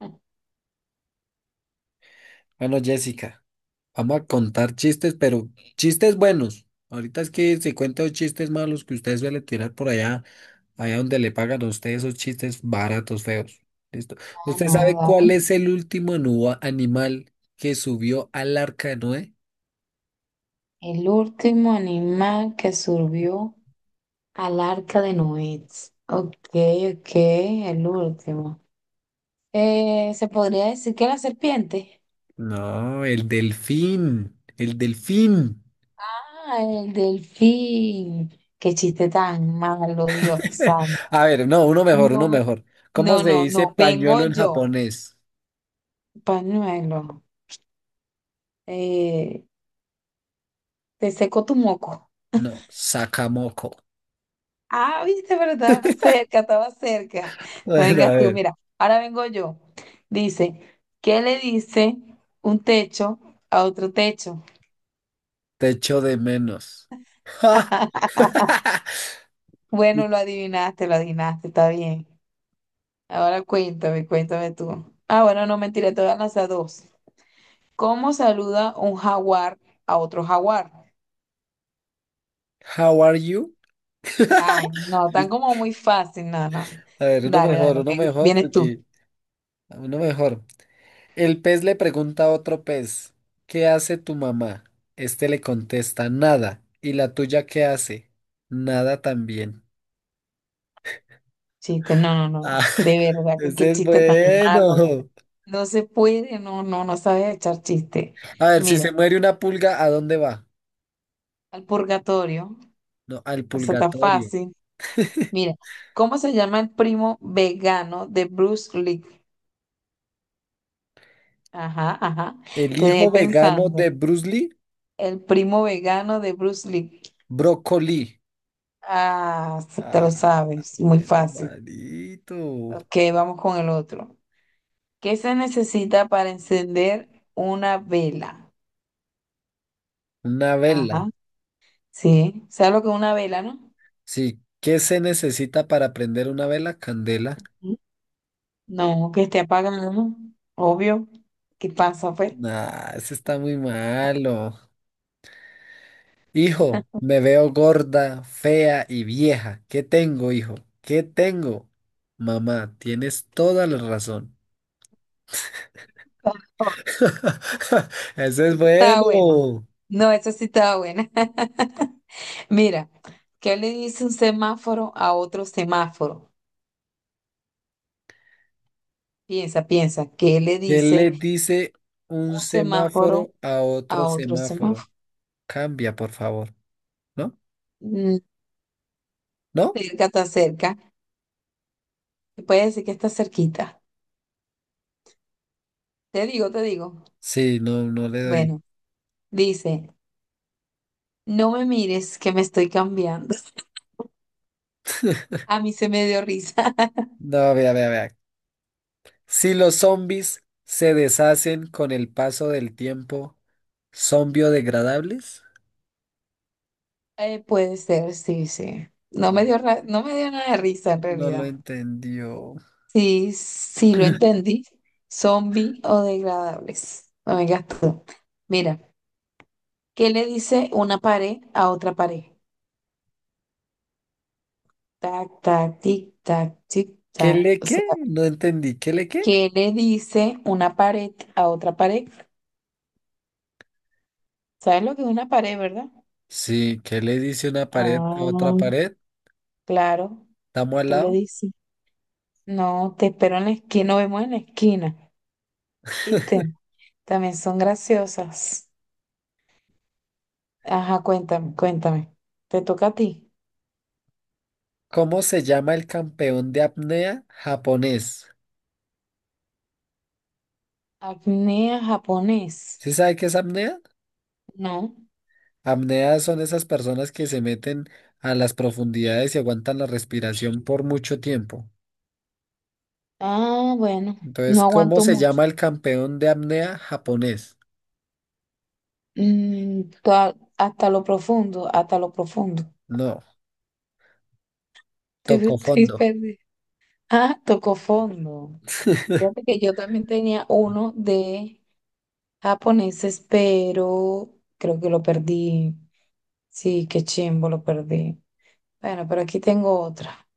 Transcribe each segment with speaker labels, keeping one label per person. Speaker 1: Ah,
Speaker 2: Bueno, Jessica, vamos a contar chistes, pero chistes buenos. Ahorita es que se cuentan los chistes malos que ustedes suelen tirar por allá, allá donde le pagan a ustedes esos chistes baratos, feos. ¿Listo? ¿Usted sabe
Speaker 1: no,
Speaker 2: cuál
Speaker 1: David.
Speaker 2: es el último animal que subió al arca de Noé?
Speaker 1: El último animal que surgió al arca de Noé. Ok, ok, el último. ¿Se podría decir que la serpiente?
Speaker 2: No, el delfín. El delfín.
Speaker 1: Ah, el delfín. Qué chiste tan malo, Dios santo.
Speaker 2: A ver, no, uno mejor,
Speaker 1: No
Speaker 2: uno
Speaker 1: me,
Speaker 2: mejor. ¿Cómo
Speaker 1: no,
Speaker 2: se
Speaker 1: no,
Speaker 2: dice
Speaker 1: no. Vengo
Speaker 2: pañuelo en
Speaker 1: yo.
Speaker 2: japonés?
Speaker 1: Pañuelo. Eh, te seco tu moco.
Speaker 2: No, sakamoko.
Speaker 1: Ah, viste, pero estaba cerca, estaba cerca. No
Speaker 2: Bueno, a
Speaker 1: vengas tú,
Speaker 2: ver.
Speaker 1: mira, ahora vengo yo. Dice, ¿qué le dice un techo a otro techo?
Speaker 2: Te echo de menos. ¡Ja!
Speaker 1: Bueno, lo adivinaste, está bien. Ahora cuéntame, cuéntame tú. Ah, bueno, no mentira, te voy a lanzar dos. ¿Cómo saluda un jaguar a otro jaguar?
Speaker 2: How are you?
Speaker 1: Ay, no, tan como muy fácil, no, no.
Speaker 2: A ver,
Speaker 1: Dale, dale,
Speaker 2: uno
Speaker 1: ven,
Speaker 2: mejor,
Speaker 1: vienes tú.
Speaker 2: porque uno mejor. El pez le pregunta a otro pez, ¿qué hace tu mamá? Este le contesta, nada. ¿Y la tuya qué hace? Nada también.
Speaker 1: Chiste, no, no, no,
Speaker 2: Ah,
Speaker 1: no. De verdad, que qué
Speaker 2: ese es
Speaker 1: chiste tan malo.
Speaker 2: bueno.
Speaker 1: No se puede, no, no, no sabes echar chiste.
Speaker 2: A ver, si
Speaker 1: Mira,
Speaker 2: se muere una pulga, ¿a dónde va?
Speaker 1: al purgatorio,
Speaker 2: No, al
Speaker 1: o sea, está
Speaker 2: pulgatorio.
Speaker 1: fácil. Mira, ¿cómo se llama el primo vegano de Bruce Lee? Ajá, ajá.
Speaker 2: El
Speaker 1: Te dejé
Speaker 2: hijo vegano
Speaker 1: pensando.
Speaker 2: de Bruce Lee,
Speaker 1: El primo vegano de Bruce Lee.
Speaker 2: brócoli.
Speaker 1: Ah, te lo
Speaker 2: Ah,
Speaker 1: sabes, muy
Speaker 2: pero
Speaker 1: fácil.
Speaker 2: malito.
Speaker 1: Ok, vamos con el otro. ¿Qué se necesita para encender una vela?
Speaker 2: Una vela.
Speaker 1: Ajá, sí. ¿Sabes lo que es una vela, no?
Speaker 2: Sí. ¿Qué se necesita para prender una vela? Candela.
Speaker 1: No, que esté apagado, obvio. ¿Qué pasa, pues?
Speaker 2: Nah, eso está muy malo. Hijo, me veo gorda, fea y vieja. ¿Qué tengo, hijo? ¿Qué tengo? Mamá, tienes toda la razón.
Speaker 1: Oh,
Speaker 2: Eso es
Speaker 1: esta estaba buena.
Speaker 2: bueno.
Speaker 1: No, esa sí estaba buena. Mira, ¿qué le dice un semáforo a otro semáforo? Piensa, piensa, ¿qué le
Speaker 2: ¿Qué le
Speaker 1: dice
Speaker 2: dice un
Speaker 1: un semáforo
Speaker 2: semáforo a otro
Speaker 1: a otro semáforo?
Speaker 2: semáforo? Cambia, por favor. ¿No?
Speaker 1: Mm,
Speaker 2: ¿No?
Speaker 1: cerca, está cerca. Se puede decir que está cerquita. Te digo, te digo.
Speaker 2: Sí, no, no le doy.
Speaker 1: Bueno, dice, no me mires que me estoy cambiando. A mí se me dio risa.
Speaker 2: No, vea, vea, vea. Si los zombies se deshacen con el paso del tiempo, ¿son biodegradables?
Speaker 1: Puede ser, sí, sí.
Speaker 2: Ah, no.
Speaker 1: No me dio nada de risa en
Speaker 2: No lo
Speaker 1: realidad.
Speaker 2: entendió.
Speaker 1: Sí, sí lo entendí. Zombie o degradables. No me gastó. Mira, ¿qué le dice una pared a otra pared? Tac, tac, tic, tac, tic,
Speaker 2: ¿Qué
Speaker 1: tac.
Speaker 2: le
Speaker 1: O
Speaker 2: qué?
Speaker 1: sea,
Speaker 2: No entendí. ¿Qué le qué?
Speaker 1: ¿qué le dice una pared a otra pared? ¿Sabes lo que es una pared, verdad?
Speaker 2: Sí, ¿qué le dice una pared a otra
Speaker 1: Ah,
Speaker 2: pared?
Speaker 1: claro.
Speaker 2: Estamos al
Speaker 1: ¿Qué le
Speaker 2: lado.
Speaker 1: dice? No, te espero en la esquina, nos vemos en la esquina. ¿Viste? También son graciosas. Ajá, cuéntame, cuéntame. ¿Te toca a ti?
Speaker 2: ¿Cómo se llama el campeón de apnea japonés?
Speaker 1: Apnea japonés.
Speaker 2: ¿Sí sabe qué es apnea?
Speaker 1: No.
Speaker 2: Apnea son esas personas que se meten a las profundidades y aguantan la respiración por mucho tiempo.
Speaker 1: Ah, bueno, no
Speaker 2: Entonces, ¿cómo
Speaker 1: aguanto
Speaker 2: se
Speaker 1: mucho.
Speaker 2: llama el campeón de apnea japonés?
Speaker 1: Hasta lo profundo, hasta lo profundo.
Speaker 2: No,
Speaker 1: Estoy,
Speaker 2: tocó
Speaker 1: estoy
Speaker 2: fondo.
Speaker 1: perdida. Ah, tocó fondo. Fíjate que yo también tenía uno de japoneses, pero creo que lo perdí. Sí, qué chimbo, lo perdí. Bueno, pero aquí tengo otra.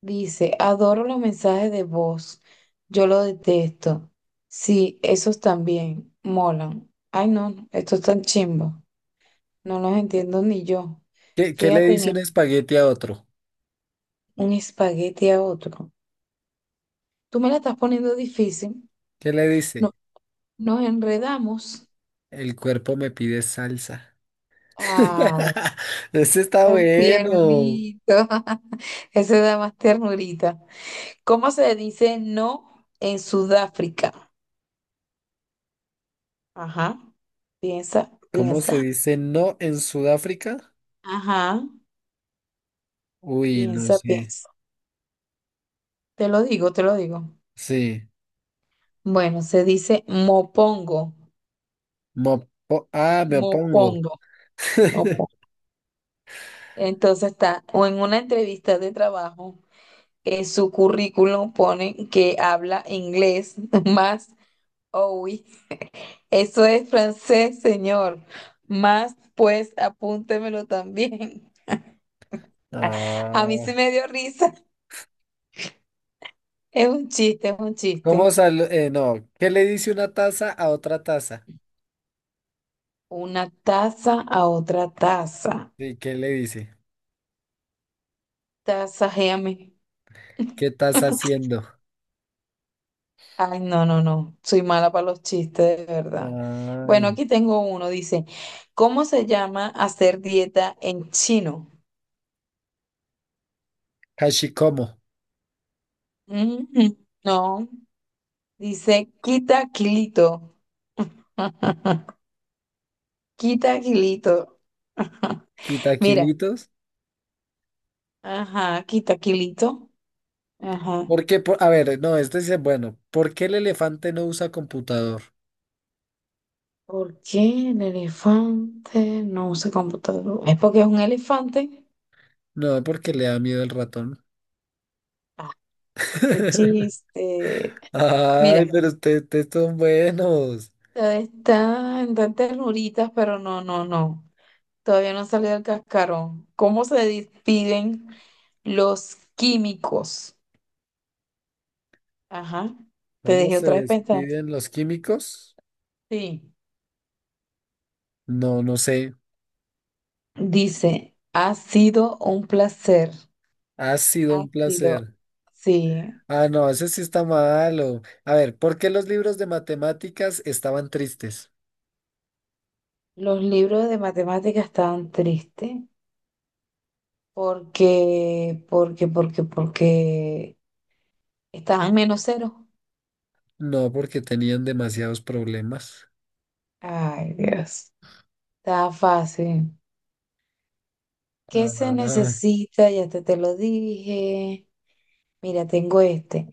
Speaker 1: Dice, adoro los mensajes de voz. Yo lo detesto. Sí, esos también molan. Ay, no, estos están chimbos. No los entiendo ni yo.
Speaker 2: ¿Qué, qué le
Speaker 1: Fíjate en
Speaker 2: dice un
Speaker 1: e-
Speaker 2: espagueti a otro?
Speaker 1: un espagueti a otro. Tú me la estás poniendo difícil.
Speaker 2: ¿Qué le
Speaker 1: No,
Speaker 2: dice?
Speaker 1: nos enredamos.
Speaker 2: El cuerpo me pide salsa.
Speaker 1: Ah,
Speaker 2: Ese está
Speaker 1: tan
Speaker 2: bueno.
Speaker 1: tiernito. Ese da más ternurita. ¿Cómo se dice no en Sudáfrica? Ajá, piensa,
Speaker 2: ¿Cómo se
Speaker 1: piensa.
Speaker 2: dice no en Sudáfrica?
Speaker 1: Ajá.
Speaker 2: Uy, no
Speaker 1: Piensa,
Speaker 2: sé.
Speaker 1: piensa. Te lo digo, te lo digo.
Speaker 2: Sí.
Speaker 1: Bueno, se dice mopongo,
Speaker 2: Mo- po- ah, me opongo.
Speaker 1: mopongo, mopongo. Entonces está, o en una entrevista de trabajo, en su currículum ponen que habla inglés, más, oui, eso es francés, señor. Más, pues, apúntemelo también. A mí sí
Speaker 2: Ah,
Speaker 1: me dio risa. Es un chiste, es un chiste.
Speaker 2: ¿cómo sal- no, ¿qué le dice una taza a otra taza?
Speaker 1: Una taza a otra taza.
Speaker 2: Sí, ¿qué le dice?
Speaker 1: Tasajeame.
Speaker 2: ¿Qué estás haciendo?
Speaker 1: Ay, no, no, no. Soy mala para los chistes, de verdad. Bueno,
Speaker 2: Ay.
Speaker 1: aquí tengo uno. Dice, ¿cómo se llama hacer dieta en chino?
Speaker 2: Hashikomo,
Speaker 1: Mm, no. Dice, quita kilito. Quita kilito. Mira.
Speaker 2: quitaquilitos.
Speaker 1: Ajá, quita kilito. Ajá.
Speaker 2: ¿Por qué? Por- a ver, no, este dice, bueno, ¿por qué el elefante no usa computador?
Speaker 1: ¿Por qué el elefante no usa computador? ¿Es porque es un elefante?
Speaker 2: No, porque le da miedo el ratón.
Speaker 1: Ah, qué chiste.
Speaker 2: Ay,
Speaker 1: Mira.
Speaker 2: pero ustedes son buenos.
Speaker 1: Está en tantas ternuritas, pero no, no, no. Todavía no salió del cascarón. ¿Cómo se despiden los químicos? Ajá. Te
Speaker 2: ¿Cómo
Speaker 1: dejé
Speaker 2: se
Speaker 1: otra vez pensando.
Speaker 2: despiden los químicos?
Speaker 1: Sí.
Speaker 2: No, no sé.
Speaker 1: Dice, ha sido un placer.
Speaker 2: Ha sido
Speaker 1: Ha
Speaker 2: un
Speaker 1: sido.
Speaker 2: placer.
Speaker 1: Sí.
Speaker 2: Ah, no, ese sí está malo. A ver, ¿por qué los libros de matemáticas estaban tristes?
Speaker 1: Los libros de matemáticas estaban tristes porque, porque, porque, porque estaban menos cero.
Speaker 2: No, porque tenían demasiados problemas.
Speaker 1: Ay, Dios. Estaba fácil. ¿Qué se
Speaker 2: Ah,
Speaker 1: necesita? Ya te lo dije. Mira, tengo este.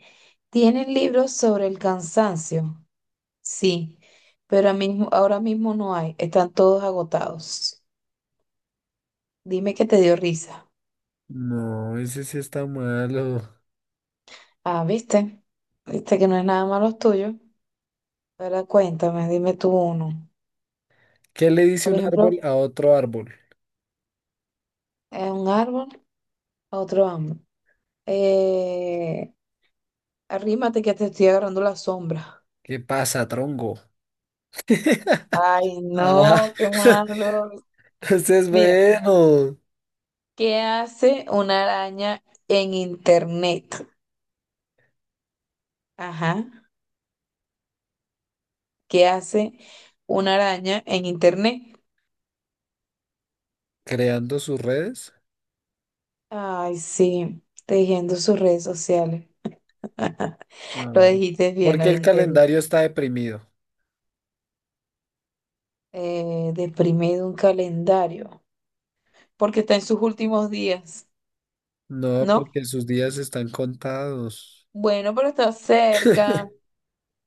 Speaker 1: ¿Tienen libros sobre el cansancio? Sí, pero ahora mismo no hay. Están todos agotados. Dime que te dio risa.
Speaker 2: no, ese sí está malo.
Speaker 1: Ah, ¿viste? Viste que no es nada malo tuyo. Ahora cuéntame, dime tú uno.
Speaker 2: ¿Qué le dice
Speaker 1: Por
Speaker 2: un
Speaker 1: ejemplo,
Speaker 2: árbol a otro árbol?
Speaker 1: un árbol a otro árbol. Eh, arrímate que te estoy agarrando la sombra.
Speaker 2: ¿Qué pasa, tronco?
Speaker 1: Ay,
Speaker 2: Ah,
Speaker 1: no, qué malo.
Speaker 2: ese es
Speaker 1: Mira.
Speaker 2: bueno.
Speaker 1: ¿Qué hace una araña en internet? Ajá. ¿Qué hace una araña en internet?
Speaker 2: Creando sus redes.
Speaker 1: Ay, sí, tejiendo sus redes sociales. Lo
Speaker 2: Ah.
Speaker 1: dijiste bien,
Speaker 2: ¿Por
Speaker 1: lo
Speaker 2: qué el
Speaker 1: dijiste bien.
Speaker 2: calendario está deprimido?
Speaker 1: Deprimido un calendario, porque está en sus últimos días,
Speaker 2: No,
Speaker 1: ¿no?
Speaker 2: porque sus días están contados.
Speaker 1: Bueno, pero está cerca.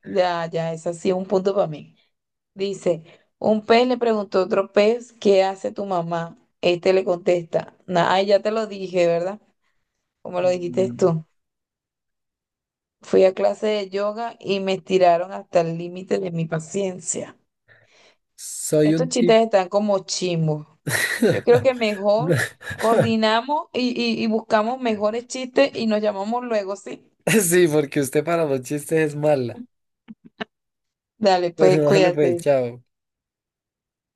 Speaker 1: Ya, ya, es así un punto para mí. Dice, un pez le preguntó a otro pez, ¿qué hace tu mamá? Este le contesta, "Na- ay, ya te lo dije, ¿verdad? Como lo dijiste
Speaker 2: Mm.
Speaker 1: tú. Fui a clase de yoga y me estiraron hasta el límite de mi paciencia.
Speaker 2: Soy
Speaker 1: Estos
Speaker 2: un tip.
Speaker 1: chistes están como chimbos. Yo creo que mejor coordinamos y buscamos mejores chistes y nos llamamos luego, ¿sí?
Speaker 2: Sí, porque usted para los chistes es mala.
Speaker 1: Dale,
Speaker 2: Bueno,
Speaker 1: pues
Speaker 2: dale pues,
Speaker 1: cuídate.
Speaker 2: chao.